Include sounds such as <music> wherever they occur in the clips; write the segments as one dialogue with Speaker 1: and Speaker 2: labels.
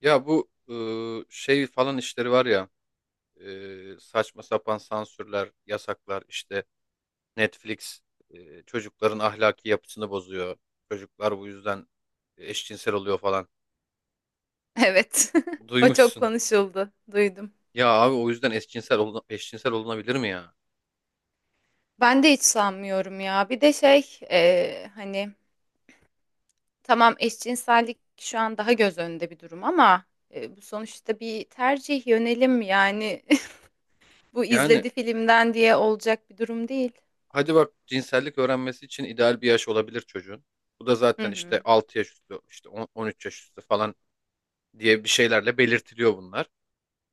Speaker 1: Ya bu şey falan işleri var ya saçma sapan sansürler, yasaklar işte. Netflix çocukların ahlaki yapısını bozuyor. Çocuklar bu yüzden eşcinsel oluyor falan.
Speaker 2: Evet. <laughs> O çok
Speaker 1: Duymuşsun.
Speaker 2: konuşuldu. Duydum.
Speaker 1: Ya abi o yüzden eşcinsel olunabilir mi ya?
Speaker 2: Ben de hiç sanmıyorum ya. Bir de tamam eşcinsellik şu an daha göz önünde bir durum ama bu sonuçta bir tercih yönelim yani <laughs> bu
Speaker 1: Yani
Speaker 2: izledi filmden diye olacak bir durum değil.
Speaker 1: hadi bak cinsellik öğrenmesi için ideal bir yaş olabilir çocuğun. Bu da
Speaker 2: Hı
Speaker 1: zaten işte
Speaker 2: hı.
Speaker 1: 6 yaş üstü, işte 13 yaş üstü falan diye bir şeylerle belirtiliyor bunlar.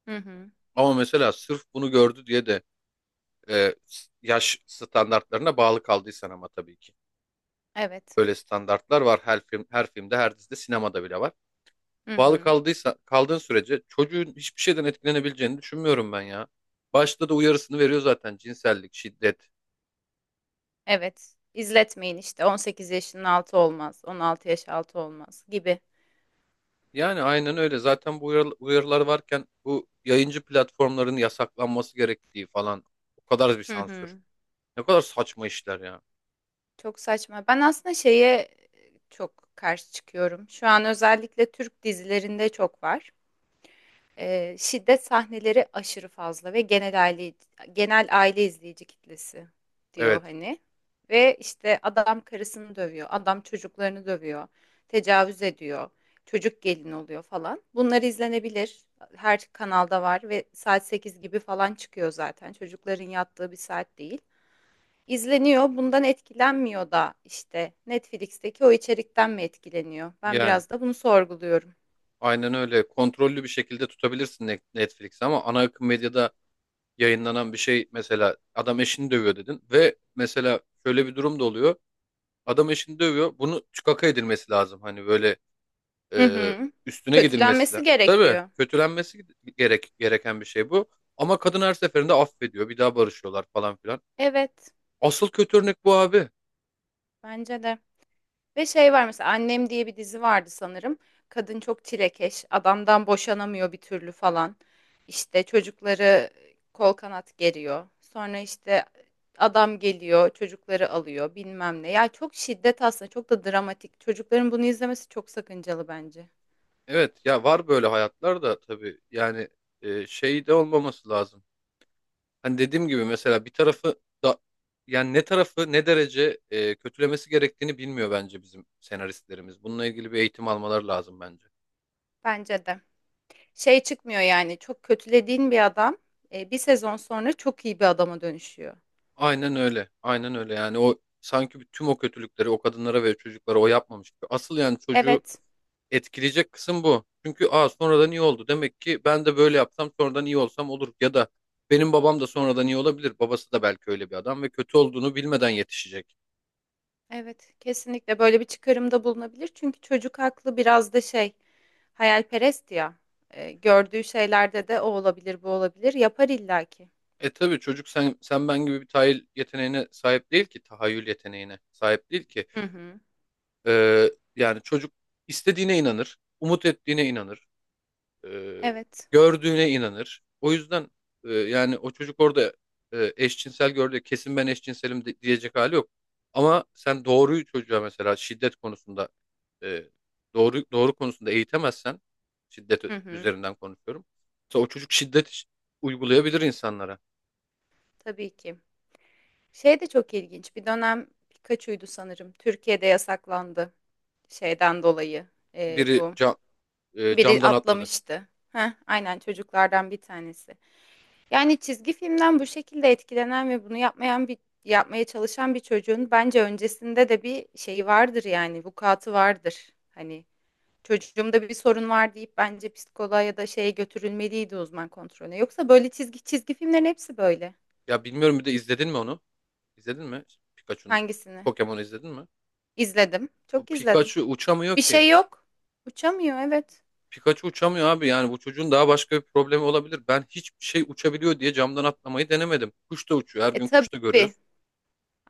Speaker 2: Hı hı.
Speaker 1: Ama mesela sırf bunu gördü diye de e, yaş standartlarına bağlı kaldıysan ama tabii ki.
Speaker 2: Evet.
Speaker 1: Böyle standartlar var her filmde, her dizide, sinemada bile var.
Speaker 2: Hı
Speaker 1: Bağlı
Speaker 2: hı.
Speaker 1: kaldıysa Kaldığın sürece çocuğun hiçbir şeyden etkilenebileceğini düşünmüyorum ben ya. Başta da uyarısını veriyor zaten cinsellik, şiddet.
Speaker 2: Evet. İzletmeyin işte 18 yaşının altı olmaz, 16 yaş altı olmaz gibi.
Speaker 1: Yani aynen öyle. Zaten bu uyarılar varken bu yayıncı platformların yasaklanması gerektiği falan o kadar bir
Speaker 2: Hı
Speaker 1: sansür.
Speaker 2: hı.
Speaker 1: Ne kadar saçma işler ya.
Speaker 2: Çok saçma. Ben aslında çok karşı çıkıyorum. Şu an özellikle Türk dizilerinde çok var. Şiddet sahneleri aşırı fazla ve genel aile izleyici kitlesi diyor
Speaker 1: Evet.
Speaker 2: hani. Ve işte adam karısını dövüyor, adam çocuklarını dövüyor, tecavüz ediyor, çocuk gelin oluyor falan. Bunlar izlenebilir. Her kanalda var ve saat 8 gibi falan çıkıyor zaten. Çocukların yattığı bir saat değil. İzleniyor, bundan etkilenmiyor da işte Netflix'teki o içerikten mi etkileniyor? Ben
Speaker 1: Yani
Speaker 2: biraz da bunu sorguluyorum.
Speaker 1: aynen öyle. Kontrollü bir şekilde tutabilirsin Netflix'i ama ana akım medyada yayınlanan bir şey mesela adam eşini dövüyor dedin ve mesela şöyle bir durum da oluyor. Adam eşini dövüyor. Bunu çıkaka edilmesi lazım. Hani böyle
Speaker 2: Hı
Speaker 1: e,
Speaker 2: hı.
Speaker 1: üstüne gidilmesi
Speaker 2: Kötülenmesi
Speaker 1: lazım. Tabii
Speaker 2: gerekiyor.
Speaker 1: kötülenmesi gereken bir şey bu. Ama kadın her seferinde affediyor. Bir daha barışıyorlar falan filan.
Speaker 2: Evet,
Speaker 1: Asıl kötü örnek bu abi.
Speaker 2: bence de. Ve şey var mesela Annem diye bir dizi vardı sanırım. Kadın çok çilekeş, adamdan boşanamıyor bir türlü falan. İşte çocukları kol kanat geriyor. Sonra işte adam geliyor, çocukları alıyor, bilmem ne. Ya çok şiddet aslında, çok da dramatik. Çocukların bunu izlemesi çok sakıncalı bence.
Speaker 1: Evet ya var böyle hayatlar da tabii yani şey de olmaması lazım. Hani dediğim gibi mesela bir tarafı da yani ne tarafı ne derece kötülemesi gerektiğini bilmiyor bence bizim senaristlerimiz. Bununla ilgili bir eğitim almaları lazım bence.
Speaker 2: Bence de. Şey çıkmıyor yani çok kötülediğin bir adam bir sezon sonra çok iyi bir adama dönüşüyor.
Speaker 1: Aynen öyle. Aynen öyle. Yani o sanki tüm o kötülükleri o kadınlara ve çocuklara o yapmamış gibi. Asıl yani çocuğu
Speaker 2: Evet,
Speaker 1: etkileyecek kısım bu. Çünkü aa sonradan iyi oldu. Demek ki ben de böyle yapsam sonradan iyi olsam olur. Ya da benim babam da sonradan iyi olabilir. Babası da belki öyle bir adam ve kötü olduğunu bilmeden yetişecek.
Speaker 2: evet kesinlikle böyle bir çıkarımda bulunabilir. Çünkü çocuk aklı biraz da şey hayalperest ya. Gördüğü şeylerde de o olabilir bu olabilir yapar illaki.
Speaker 1: E tabii çocuk sen ben gibi bir tahayyül yeteneğine sahip değil ki. Tahayyül yeteneğine sahip değil ki.
Speaker 2: Hı hı.
Speaker 1: Ee, yani çocuk istediğine inanır. Umut ettiğine inanır. ee,
Speaker 2: Evet.
Speaker 1: gördüğüne inanır. O yüzden yani o çocuk orada eşcinsel gördü. Kesin ben eşcinselim diyecek hali yok. Ama sen doğruyu çocuğa mesela şiddet konusunda e, doğru konusunda eğitemezsen şiddet
Speaker 2: Hı hı.
Speaker 1: üzerinden konuşuyorum. Mesela o çocuk şiddet uygulayabilir insanlara
Speaker 2: Tabii ki. Şey de çok ilginç. Bir dönem Pikachu'ydu sanırım. Türkiye'de yasaklandı şeyden dolayı.
Speaker 1: biri
Speaker 2: Bu
Speaker 1: ca-
Speaker 2: biri
Speaker 1: camdan atladı.
Speaker 2: atlamıştı. Heh, aynen çocuklardan bir tanesi. Yani çizgi filmden bu şekilde etkilenen ve bunu yapmayan bir yapmaya çalışan bir çocuğun bence öncesinde de bir şeyi vardır yani vukuatı vardır. Hani çocuğumda bir sorun var deyip bence psikoloğa ya da şeye götürülmeliydi uzman kontrolüne. Yoksa böyle çizgi filmlerin hepsi böyle.
Speaker 1: Ya bilmiyorum bir de izledin mi onu? İzledin mi? Pikachu'nun
Speaker 2: Hangisini?
Speaker 1: Pokemon'u izledin mi?
Speaker 2: İzledim.
Speaker 1: Bu
Speaker 2: Çok izledim.
Speaker 1: Pikachu uçamıyor
Speaker 2: Bir
Speaker 1: ki.
Speaker 2: şey yok. Uçamıyor evet.
Speaker 1: Pikachu uçamıyor abi yani bu çocuğun daha başka bir problemi olabilir. Ben hiçbir şey uçabiliyor diye camdan atlamayı denemedim. Kuş da uçuyor. Her
Speaker 2: E
Speaker 1: gün kuş da
Speaker 2: tabii.
Speaker 1: görüyoruz.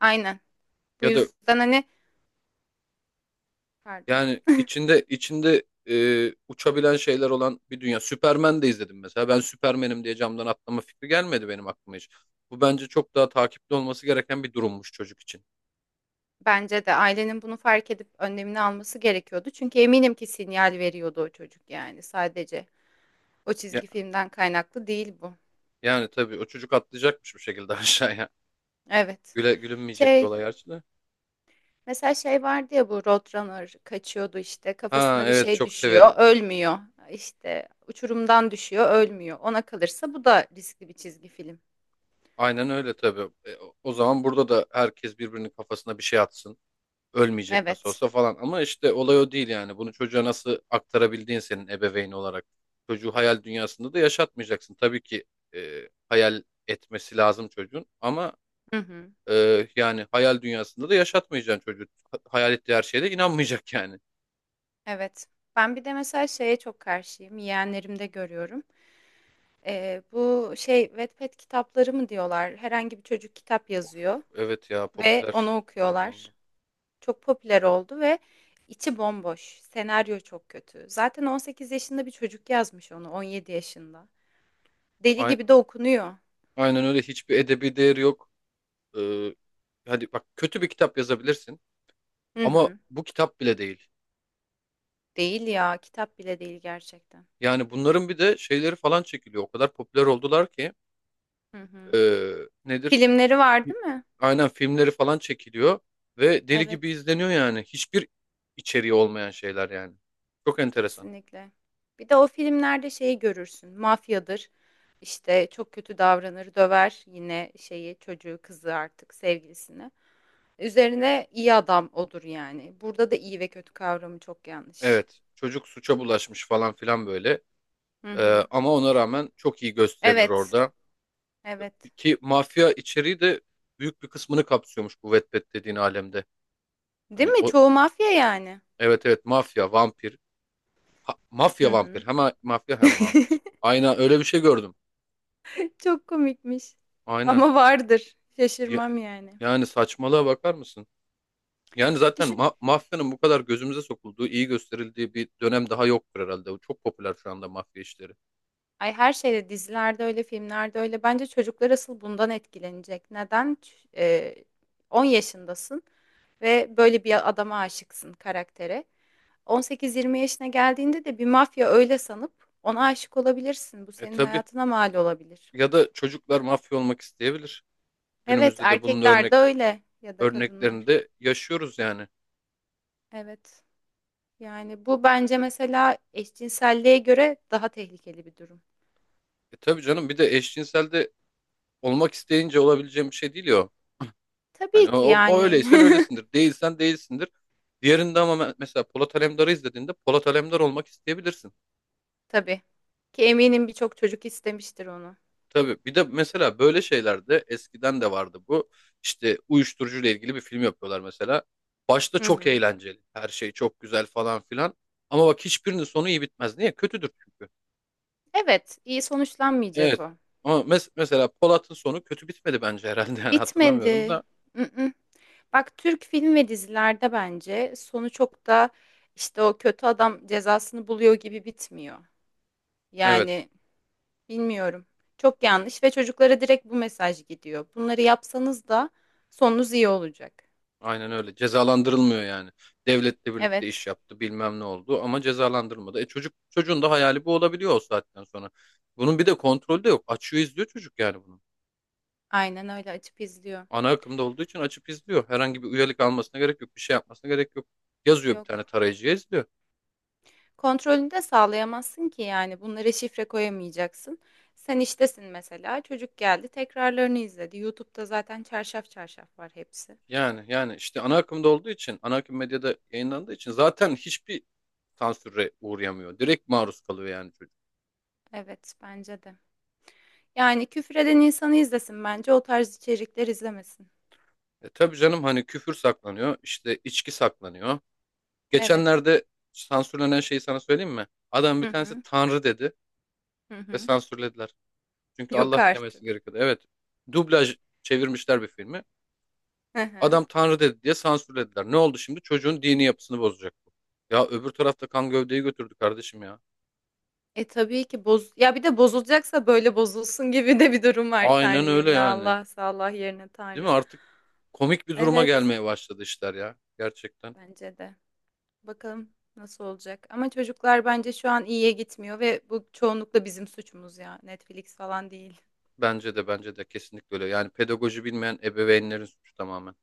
Speaker 2: Aynen. Bu
Speaker 1: Ya da
Speaker 2: yüzden pardon.
Speaker 1: yani içinde uçabilen şeyler olan bir dünya. Superman de izledim mesela. Ben Superman'im diye camdan atlama fikri gelmedi benim aklıma hiç. Bu bence çok daha takipli olması gereken bir durummuş çocuk için.
Speaker 2: Bence de ailenin bunu fark edip önlemini alması gerekiyordu. Çünkü eminim ki sinyal veriyordu o çocuk yani sadece. O
Speaker 1: Ya-
Speaker 2: çizgi filmden kaynaklı değil bu.
Speaker 1: yani tabii o çocuk atlayacakmış bir şekilde <laughs> aşağıya.
Speaker 2: Evet.
Speaker 1: Gülünmeyecek bir
Speaker 2: Şey,
Speaker 1: olay gerçi de.
Speaker 2: mesela şey vardı ya bu Roadrunner kaçıyordu işte
Speaker 1: Ha
Speaker 2: kafasına bir
Speaker 1: evet
Speaker 2: şey
Speaker 1: çok severim.
Speaker 2: düşüyor, ölmüyor. İşte uçurumdan düşüyor, ölmüyor. Ona kalırsa bu da riskli bir çizgi film.
Speaker 1: Aynen öyle tabii. E, o zaman burada da herkes birbirinin kafasına bir şey atsın. Ölmeyecek nasıl
Speaker 2: Evet.
Speaker 1: olsa falan. Ama işte olay o değil yani. Bunu çocuğa nasıl aktarabildiğin senin ebeveyn olarak. Çocuğu hayal dünyasında da yaşatmayacaksın. Tabii ki hayal etmesi lazım çocuğun. Ama
Speaker 2: Hı hı.
Speaker 1: yani hayal dünyasında da yaşatmayacaksın çocuğu. Hayal ettiği her şeye de inanmayacak yani.
Speaker 2: Evet. Ben bir de mesela şeye çok karşıyım. Yeğenlerimde görüyorum. Bu şey Wattpad kitapları mı diyorlar? Herhangi bir çocuk kitap yazıyor
Speaker 1: Evet ya
Speaker 2: ve
Speaker 1: popüler
Speaker 2: onu
Speaker 1: oldu
Speaker 2: okuyorlar.
Speaker 1: onlar.
Speaker 2: Çok popüler oldu ve içi bomboş. Senaryo çok kötü. Zaten 18 yaşında bir çocuk yazmış onu, 17 yaşında. Deli
Speaker 1: Ay-
Speaker 2: gibi de okunuyor.
Speaker 1: Aynen öyle hiçbir edebi değeri yok. Ee, hadi bak kötü bir kitap yazabilirsin
Speaker 2: Hı
Speaker 1: ama
Speaker 2: hı.
Speaker 1: bu kitap bile değil.
Speaker 2: Değil ya, kitap bile değil gerçekten.
Speaker 1: Yani bunların bir de şeyleri falan çekiliyor. O kadar popüler oldular ki
Speaker 2: Hı hı.
Speaker 1: ee, nedir?
Speaker 2: Filmleri var değil mi?
Speaker 1: Aynen filmleri falan çekiliyor ve deli gibi
Speaker 2: Evet.
Speaker 1: izleniyor yani. Hiçbir içeriği olmayan şeyler yani. Çok enteresan.
Speaker 2: Kesinlikle. Bir de o filmlerde şeyi görürsün. Mafyadır. İşte çok kötü davranır, döver yine şeyi çocuğu, kızı artık sevgilisini. Üzerine iyi adam odur yani. Burada da iyi ve kötü kavramı çok yanlış.
Speaker 1: Evet, çocuk suça bulaşmış falan filan böyle.
Speaker 2: Hı
Speaker 1: Ee,
Speaker 2: hı.
Speaker 1: ama ona rağmen çok iyi gösterilir
Speaker 2: Evet.
Speaker 1: orada.
Speaker 2: Evet.
Speaker 1: Ki mafya içeriği de büyük bir kısmını kapsıyormuş bu Wattpad dediğin alemde.
Speaker 2: Değil
Speaker 1: Hani
Speaker 2: mi?
Speaker 1: o,
Speaker 2: Çoğu mafya yani.
Speaker 1: evet evet, mafya, vampir,
Speaker 2: Hı
Speaker 1: mafya
Speaker 2: hı.
Speaker 1: vampir. Hem mafya hem
Speaker 2: <laughs>
Speaker 1: vampir. Aynen öyle bir şey gördüm.
Speaker 2: Çok komikmiş.
Speaker 1: Aynen.
Speaker 2: Ama vardır.
Speaker 1: Ya-
Speaker 2: Şaşırmam yani.
Speaker 1: yani saçmalığa bakar mısın? Yani zaten
Speaker 2: Düşün.
Speaker 1: mafyanın bu kadar gözümüze sokulduğu, iyi gösterildiği bir dönem daha yoktur herhalde. O çok popüler şu anda mafya işleri.
Speaker 2: Ay her şeyde dizilerde öyle, filmlerde öyle. Bence çocuklar asıl bundan etkilenecek. Neden? 10 yaşındasın ve böyle bir adama aşıksın karaktere. 18-20 yaşına geldiğinde de bir mafya öyle sanıp ona aşık olabilirsin. Bu
Speaker 1: E
Speaker 2: senin
Speaker 1: tabii.
Speaker 2: hayatına mal olabilir.
Speaker 1: Ya da çocuklar mafya olmak isteyebilir.
Speaker 2: Evet,
Speaker 1: Günümüzde de bunun
Speaker 2: erkekler de öyle ya da
Speaker 1: örneklerini
Speaker 2: kadınlar.
Speaker 1: de yaşıyoruz yani.
Speaker 2: Evet. Yani bu bence mesela eşcinselliğe göre daha tehlikeli bir durum.
Speaker 1: E tabii canım bir de eşcinselde olmak isteyince olabileceğim bir şey değil ya. O. Hani
Speaker 2: Tabii
Speaker 1: o,
Speaker 2: ki
Speaker 1: o
Speaker 2: yani.
Speaker 1: öyleysen öylesindir. Değilsen değilsindir. Diğerinde ama mesela Polat Alemdar'ı izlediğinde Polat Alemdar olmak isteyebilirsin.
Speaker 2: <laughs> Tabii ki eminim birçok çocuk istemiştir onu.
Speaker 1: Tabii bir de mesela böyle şeylerde eskiden de vardı bu. İşte uyuşturucuyla ilgili bir film yapıyorlar mesela. Başta
Speaker 2: Hı
Speaker 1: çok
Speaker 2: hı.
Speaker 1: eğlenceli. Her şey çok güzel falan filan. Ama bak hiçbirinin sonu iyi bitmez. Niye? Kötüdür çünkü.
Speaker 2: Evet, iyi sonuçlanmayacak
Speaker 1: Evet.
Speaker 2: o.
Speaker 1: Ama mesela Polat'ın sonu kötü bitmedi bence herhalde. <laughs> Yani hatırlamıyorum
Speaker 2: Bitmedi.
Speaker 1: da.
Speaker 2: Mm-mm. Bak Türk film ve dizilerde bence sonu çok da işte o kötü adam cezasını buluyor gibi bitmiyor.
Speaker 1: Evet.
Speaker 2: Yani bilmiyorum. Çok yanlış ve çocuklara direkt bu mesaj gidiyor. Bunları yapsanız da sonunuz iyi olacak.
Speaker 1: Aynen öyle. Cezalandırılmıyor yani. Devletle birlikte
Speaker 2: Evet,
Speaker 1: iş yaptı, bilmem ne oldu ama cezalandırılmadı. E çocuğun da hayali bu olabiliyor o saatten sonra. Bunun bir de kontrolü de yok. Açıyor izliyor çocuk yani bunu.
Speaker 2: aynen öyle açıp izliyor.
Speaker 1: Ana akımda olduğu için açıp izliyor. Herhangi bir üyelik almasına gerek yok, bir şey yapmasına gerek yok. Yazıyor bir tane
Speaker 2: Yok.
Speaker 1: tarayıcıya izliyor.
Speaker 2: Kontrolünü de sağlayamazsın ki yani bunlara şifre koyamayacaksın. Sen iştesin mesela çocuk geldi tekrarlarını izledi. YouTube'da zaten çarşaf çarşaf var hepsi.
Speaker 1: Yani işte ana akımda olduğu için, ana akım medyada yayınlandığı için zaten hiçbir sansüre uğrayamıyor. Direkt maruz kalıyor yani çocuk.
Speaker 2: Evet bence de. Yani küfreden insanı izlesin bence o tarz içerikler izlemesin.
Speaker 1: E tabii canım hani küfür saklanıyor, işte içki saklanıyor.
Speaker 2: Evet.
Speaker 1: Geçenlerde sansürlenen şeyi sana söyleyeyim mi? Adam
Speaker 2: Hı
Speaker 1: bir tanesi
Speaker 2: hı
Speaker 1: Tanrı dedi
Speaker 2: hı
Speaker 1: ve
Speaker 2: hı.
Speaker 1: sansürlediler. Çünkü
Speaker 2: Yok
Speaker 1: Allah demesi
Speaker 2: artık.
Speaker 1: gerekiyordu. Evet. Dublaj çevirmişler bir filmi.
Speaker 2: Hı hı.
Speaker 1: Adam Tanrı dedi diye sansürlediler. Ne oldu şimdi? Çocuğun dini yapısını bozacak bu. Ya öbür tarafta kan gövdeyi götürdü kardeşim ya.
Speaker 2: E tabii ki boz ya bir de bozulacaksa böyle bozulsun gibi de bir durum var Tanrı
Speaker 1: Aynen öyle
Speaker 2: yerine
Speaker 1: yani.
Speaker 2: Allah, Allah yerine
Speaker 1: Değil mi?
Speaker 2: Tanrı.
Speaker 1: Artık komik bir duruma
Speaker 2: Evet
Speaker 1: gelmeye başladı işler ya. Gerçekten.
Speaker 2: bence de. Bakalım nasıl olacak. Ama çocuklar bence şu an iyiye gitmiyor ve bu çoğunlukla bizim suçumuz ya. Netflix falan değil.
Speaker 1: Bence de kesinlikle öyle. Yani pedagoji bilmeyen ebeveynlerin suçu tamamen.